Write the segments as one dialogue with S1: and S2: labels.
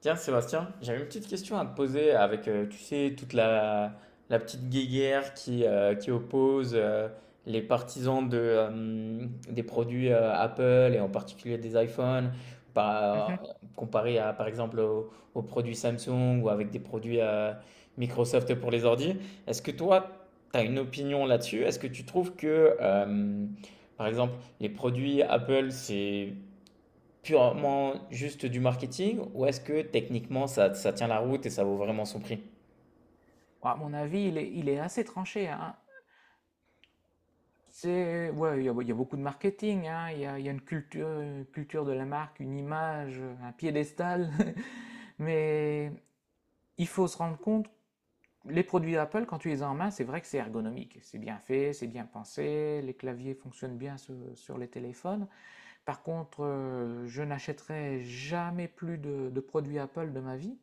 S1: Tiens, Sébastien, j'avais une petite question à te poser avec, tu sais, toute la petite guéguerre qui oppose les partisans de, des produits Apple et en particulier des iPhones,
S2: Mhm.
S1: par, comparé à, par exemple, aux produits Samsung ou avec des produits Microsoft pour les ordi. Est-ce que toi, tu as une opinion là-dessus? Est-ce que tu trouves que, par exemple, les produits Apple, c'est Purement juste du marketing ou est-ce que techniquement ça, ça tient la route et ça vaut vraiment son prix?
S2: À mon avis, il est assez tranché, hein. Ouais, il y a beaucoup de marketing, hein. Il y a une culture de la marque, une image, un piédestal. Mais il faut se rendre compte, les produits Apple, quand tu les as en main, c'est vrai que c'est ergonomique. C'est bien fait, c'est bien pensé, les claviers fonctionnent bien sur les téléphones. Par contre, je n'achèterai jamais plus de produits Apple de ma vie,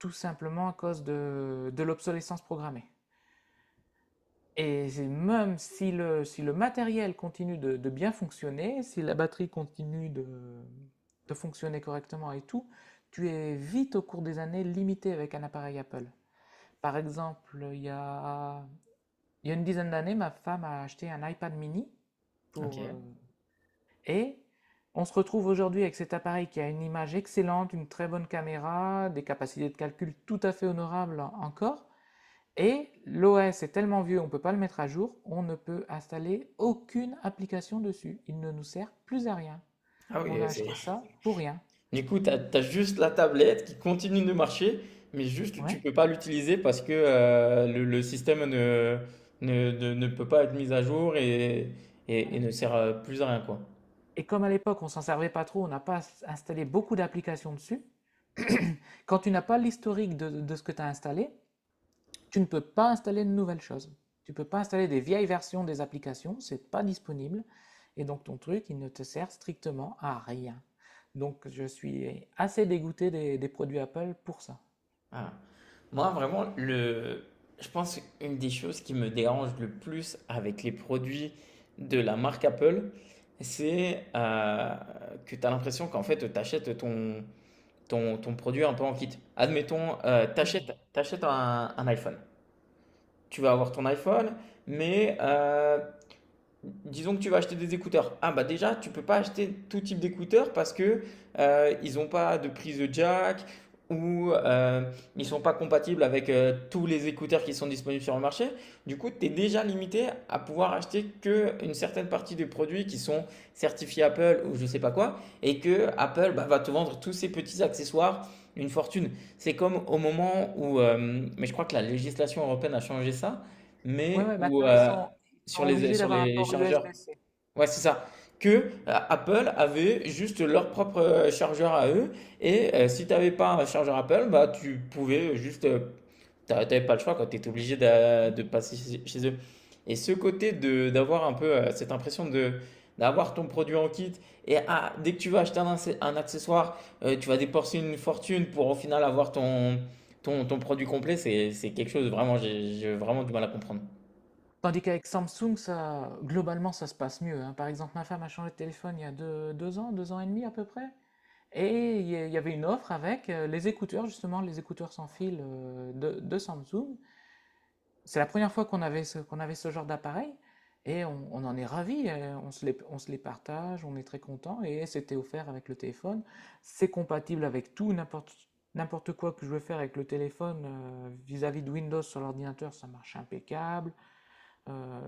S2: tout simplement à cause de l'obsolescence programmée. Et c'est même si le matériel continue de bien fonctionner, si la batterie continue de fonctionner correctement et tout, tu es vite, au cours des années, limité avec un appareil Apple. Par exemple, il y a une dizaine d'années, ma femme a acheté un iPad mini pour,
S1: OK.
S2: heu et on se retrouve aujourd'hui avec cet appareil qui a une image excellente, une très bonne caméra, des capacités de calcul tout à fait honorables encore, et l'OS est tellement vieux, on ne peut pas le mettre à jour, on ne peut installer aucune application dessus. Il ne nous sert plus à rien.
S1: Ah
S2: On a
S1: oui, c'est.
S2: acheté ça pour rien.
S1: Du coup, t'as juste la tablette qui continue de marcher, mais juste
S2: Ouais,
S1: tu peux pas l'utiliser parce que le système ne peut pas être mis à jour et
S2: voilà.
S1: ne sert plus à rien, quoi.
S2: Et comme à l'époque, on ne s'en servait pas trop, on n'a pas installé beaucoup d'applications dessus, quand tu n'as pas l'historique de ce que tu as installé, tu ne peux pas installer de nouvelles choses. Tu ne peux pas installer des vieilles versions des applications, c'est pas disponible. Et donc ton truc, il ne te sert strictement à rien. Donc je suis assez dégoûté des produits Apple pour ça.
S1: Ah. Moi, vraiment, je pense une des choses qui me dérange le plus avec les produits de la marque Apple, c'est que tu as l'impression qu'en fait, tu achètes ton, ton, ton produit un peu en kit. Admettons, tu achètes, un iPhone. Tu vas avoir ton iPhone, mais disons que tu vas acheter des écouteurs. Ah bah déjà, tu peux pas acheter tout type d'écouteurs parce que ils n'ont pas de prise de jack ou ils sont pas compatibles avec tous les écouteurs qui sont disponibles sur le marché. Du coup, tu es déjà limité à pouvoir acheter que une certaine partie des produits qui sont certifiés Apple ou je sais pas quoi et que Apple bah, va te vendre tous ces petits accessoires une fortune. C'est comme au moment où, mais je crois que la législation européenne a changé ça,
S2: Ouais,
S1: mais
S2: ouais,
S1: où
S2: maintenant ils sont, ils
S1: sur
S2: sont obligés
S1: sur
S2: d'avoir un
S1: les
S2: port
S1: chargeurs.
S2: USB-C.
S1: Ouais, c'est ça. Que Apple avait juste leur propre chargeur à eux. Et si tu n'avais pas un chargeur Apple, bah, tu pouvais T'avais pas le choix quand tu étais obligé de, passer chez eux. Et ce côté de d'avoir un peu cette impression de d'avoir ton produit en kit et ah, dès que tu vas acheter un, un accessoire, tu vas dépenser une fortune pour au final avoir ton produit complet, c'est quelque chose vraiment, j'ai vraiment
S2: Ouais.
S1: du mal à comprendre.
S2: Tandis qu'avec Samsung, ça, globalement, ça se passe mieux, hein. Par exemple, ma femme a changé de téléphone il y a deux, 2 ans, 2 ans et demi à peu près. Et il y avait une offre avec les écouteurs, justement, les écouteurs sans fil de Samsung. C'est la première fois qu'on avait ce genre d'appareil, et on en est ravi. On se les partage, on est très content, et c'était offert avec le téléphone. C'est compatible avec tout, n'importe quoi que je veux faire avec le téléphone vis-à-vis de Windows sur l'ordinateur, ça marche impeccable. Euh,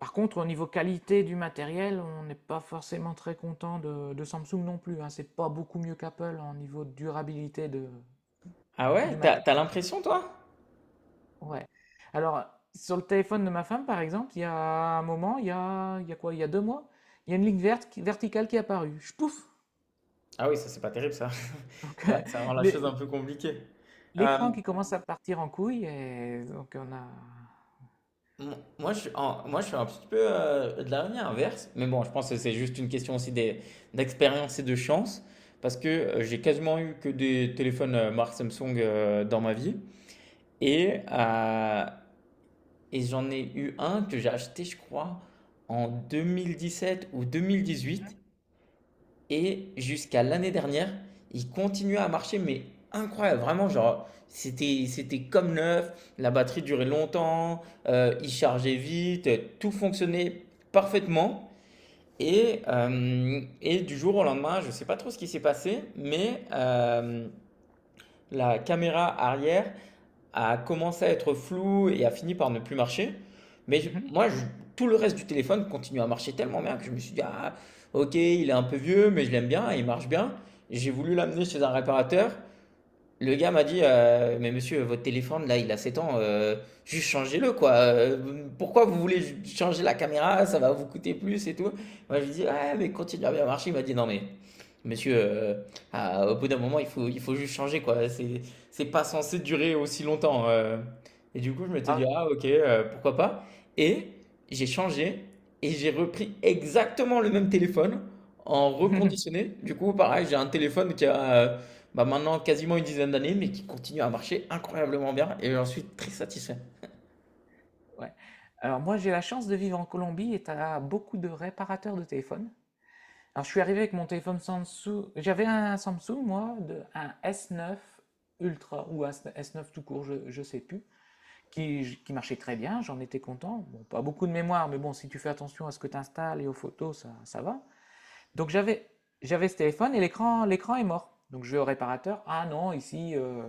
S2: Par contre, au niveau qualité du matériel, on n'est pas forcément très content de Samsung non plus, hein. C'est pas beaucoup mieux qu'Apple en niveau de durabilité
S1: Ah ouais,
S2: du matos.
S1: t'as l'impression toi?
S2: Ouais. Alors, sur le téléphone de ma femme, par exemple, il y a un moment, il y a quoi? Il y a 2 mois, il y a une ligne verte verticale qui est apparue. Je pouf!
S1: Ah oui, ça c'est pas terrible ça.
S2: Donc,
S1: Ça ça rend la chose un
S2: l'é-
S1: peu compliquée. Euh,
S2: l'écran qui commence à partir en couille, et donc on a.
S1: Moi, je suis en- moi je suis un petit peu de la ligne inverse, mais bon, je pense que c'est juste une question aussi d'expérience et de chance, parce que j'ai quasiment eu que des téléphones marque Samsung dans ma vie, et, euh, et j'en ai eu un que j'ai acheté, je crois, en 2017 ou 2018. Et jusqu'à l'année dernière, il continuait à marcher, mais incroyable, vraiment, genre, c'était comme neuf, la batterie durait longtemps, il chargeait vite, tout fonctionnait parfaitement. Et du jour au lendemain, je ne sais pas trop ce qui s'est passé, mais la caméra arrière a commencé à être flou et a fini par ne plus marcher. Mais je-
S2: Mhm.
S1: moi, je- Tout le reste du téléphone continue à marcher tellement bien que je me suis dit, ah, ok, il est un peu vieux, mais je l'aime bien, il marche bien. J'ai voulu l'amener chez un réparateur. Le gars m'a dit, mais monsieur, votre téléphone, là, il a 7 ans, juste changez-le, quoi. Pourquoi vous voulez changer la caméra? Ça va vous coûter plus et tout. Moi, je lui dis, ouais, mais continue à bien marcher. Il m'a dit, non, mais monsieur, ah, au bout d'un moment, il faut juste changer, quoi. C'est pas censé durer aussi longtemps. Et du coup, je m'étais dit,
S2: Alors,
S1: ah, ok, pourquoi pas. Et j'ai changé et j'ai repris exactement le même téléphone en
S2: je-
S1: reconditionné. Du coup, pareil, j'ai un téléphone qui a bah, maintenant quasiment une dizaine d'années, mais qui continue à marcher incroyablement bien et j'en suis très satisfait.
S2: ouais. Alors, moi, j'ai la chance de vivre en Colombie, et tu as beaucoup de réparateurs de téléphones. Alors, je suis arrivé avec mon téléphone Samsung. J'avais un Samsung, moi, de, un S9 Ultra ou un S9 tout court, je ne sais plus, qui marchait très bien, j'en étais content. Bon, pas beaucoup de mémoire, mais bon, si tu fais attention à ce que tu installes et aux photos, ça va. Donc j'avais, j'avais ce téléphone et l'écran est mort. Donc je vais au réparateur, ah non, ici,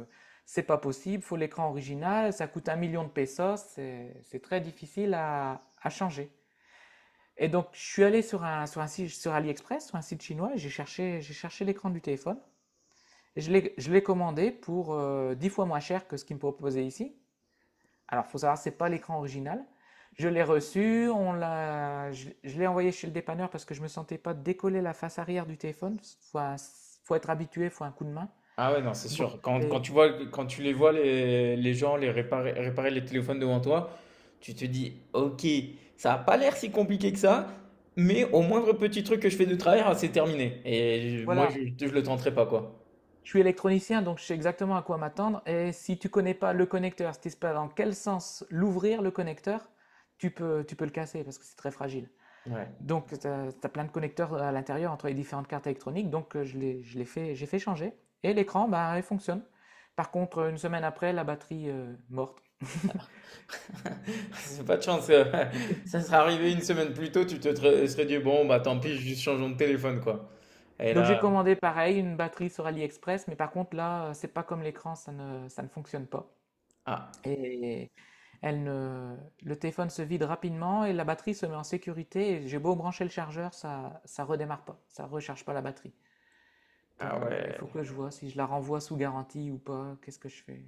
S2: c'est pas possible, il faut l'écran original, ça coûte 1 million de pesos, c'est très difficile à changer. Et donc je suis allé sur un site, sur AliExpress, sur un site chinois, et j'ai cherché l'écran du téléphone. Et je l'ai commandé pour 10 fois moins cher que ce qu'il me proposait ici. Alors, il faut savoir, c'est pas l'écran original. Je l'ai reçu, je l'ai envoyé chez le dépanneur parce que je ne me sentais pas décoller la face arrière du téléphone. Faut être habitué, il faut un coup de main.
S1: Ah ouais, non, c'est
S2: Donc,
S1: sûr. Quand
S2: je
S1: tu vois, quand tu les vois, les gens les réparer les téléphones devant toi, tu te dis, ok, ça n'a pas l'air si compliqué que ça, mais au moindre petit truc que je fais de travers, c'est terminé. Je
S2: voilà,
S1: ne le tenterai pas, quoi.
S2: je suis électronicien, donc je sais exactement à quoi m'attendre. Et si tu ne connais pas le connecteur, si tu ne sais pas dans quel sens l'ouvrir, le connecteur, tu peux le casser parce que c'est très fragile.
S1: Ouais.
S2: Donc, tu as plein de connecteurs à l'intérieur entre les différentes cartes électroniques. Donc, je l'ai fait, j'ai fait changer. Et l'écran, bah, il fonctionne. Par contre, une semaine après, la batterie morte.
S1: C'est pas de chance. Ça serait
S2: Ouais.
S1: arrivé une semaine plus tôt, tu te serais dit, bon, bah tant pis, juste changeons de téléphone, quoi. Et
S2: Donc, j'ai
S1: là,
S2: commandé pareil, une batterie sur AliExpress. Mais par contre, là, c'est pas comme l'écran, ça ne fonctionne pas.
S1: ah,
S2: Et elle ne- le téléphone se vide rapidement et la batterie se met en sécurité. Et j'ai beau brancher le chargeur, ça redémarre pas, ça recharge pas la batterie.
S1: ah
S2: Donc il faut
S1: ouais.
S2: que je vois si je la renvoie sous garantie ou pas. Qu'est-ce que je fais?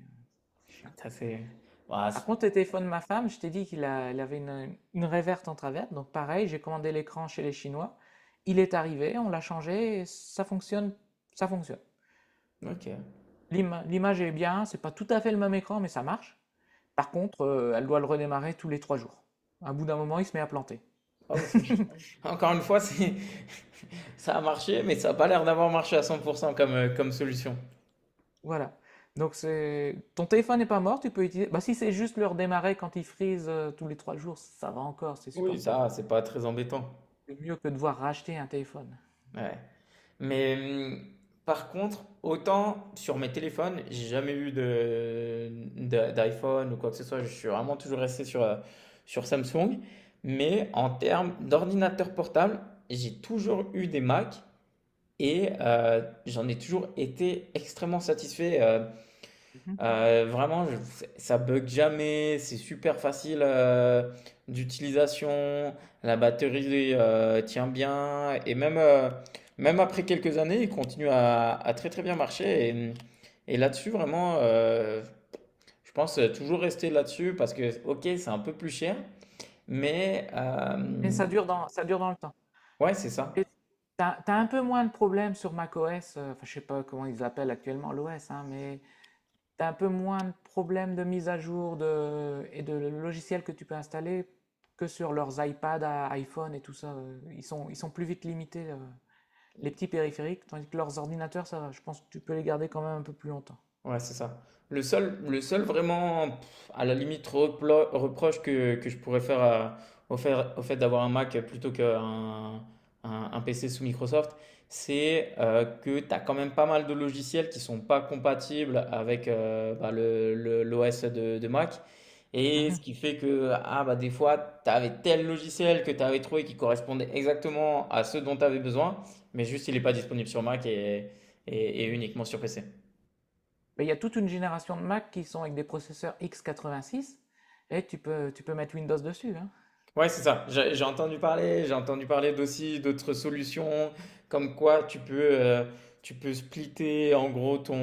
S2: C'est chiant.
S1: Ça, c'est. Bah,
S2: Par contre, le téléphone de ma femme, je t'ai dit il avait une réverte en travers. Donc pareil, j'ai commandé l'écran chez les Chinois. Il est arrivé, on l'a changé, et ça fonctionne, ça fonctionne.
S1: OK.
S2: L'image est bien, c'est pas tout à fait le même écran, mais ça marche. Par contre, elle doit le redémarrer tous les 3 jours. À bout d'un moment, il se met à planter.
S1: Ah oui, c'est encore une fois, c'est ça a marché, mais ça a pas l'air d'avoir marché à 100% comme, comme solution.
S2: Voilà. Donc c'est, ton téléphone n'est pas mort, tu peux utiliser. Bah si c'est juste le redémarrer quand il freeze tous les 3 jours, ça va encore, c'est
S1: Oui,
S2: supportable.
S1: ça, c'est pas très embêtant.
S2: C'est mieux que de devoir racheter un téléphone.
S1: Ouais. Mais par contre, autant sur mes téléphones, j'ai jamais eu de, d'iPhone ou quoi que ce soit. Je suis vraiment toujours resté sur, sur Samsung. Mais en termes d'ordinateur portable, j'ai toujours eu des Mac et j'en ai toujours été extrêmement satisfait.
S2: Mmh.
S1: Vraiment, je ça bug jamais, c'est super facile, d'utilisation, la batterie, tient bien et même, même après quelques années, il continue à très, très bien marcher et là-dessus vraiment, je pense toujours rester là-dessus parce que OK, c'est un peu plus cher, mais
S2: Mais
S1: hem,
S2: ça dure dans le temps,
S1: ouais, c'est
S2: et
S1: ça.
S2: tu as un peu moins de problèmes sur macOS, enfin je sais pas comment ils l'appellent actuellement, l'OS, hein, mais tu as un peu moins de problèmes de mise à jour et de logiciels que tu peux installer que sur leurs iPads, à iPhone et tout ça. Ils sont plus vite limités, les petits périphériques, tandis que leurs ordinateurs, ça, je pense que tu peux les garder quand même un peu plus longtemps.
S1: Ouais, c'est ça. Le seul vraiment, à la limite, reproche que je pourrais faire au fait d'avoir un Mac plutôt qu'un un PC sous Microsoft, c'est que tu as quand même pas mal de logiciels qui sont pas compatibles avec bah, l'OS de Mac. Et ce
S2: Mhm.
S1: qui fait que ah, bah, des fois, tu avais tel logiciel que tu avais trouvé qui correspondait exactement à ce dont tu avais besoin, mais juste il n'est pas disponible sur Mac et uniquement sur PC.
S2: Mais il y a toute une génération de Mac qui sont avec des processeurs x86 et tu peux mettre Windows dessus, hein.
S1: Ouais, c'est ça. J'ai entendu parler d'aussi d'autres solutions, comme quoi tu peux splitter en gros ton,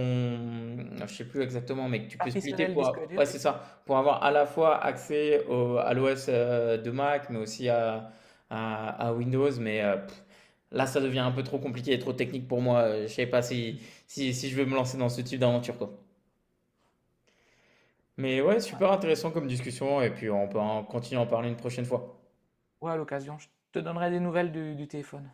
S1: je sais plus exactement, mais que tu peux splitter
S2: Partitionner le
S1: pour,
S2: disque dur.
S1: ouais, c'est ça, pour avoir à la fois accès à l'OS de Mac, mais aussi à Windows. Mais là, ça devient un peu trop compliqué et trop technique pour moi. Je sais pas si je veux me lancer dans ce type d'aventure, quoi. Mais ouais, super intéressant comme discussion, et puis on peut en continuer à en parler une prochaine fois.
S2: Ouais, à l'occasion, je te donnerai des nouvelles du téléphone.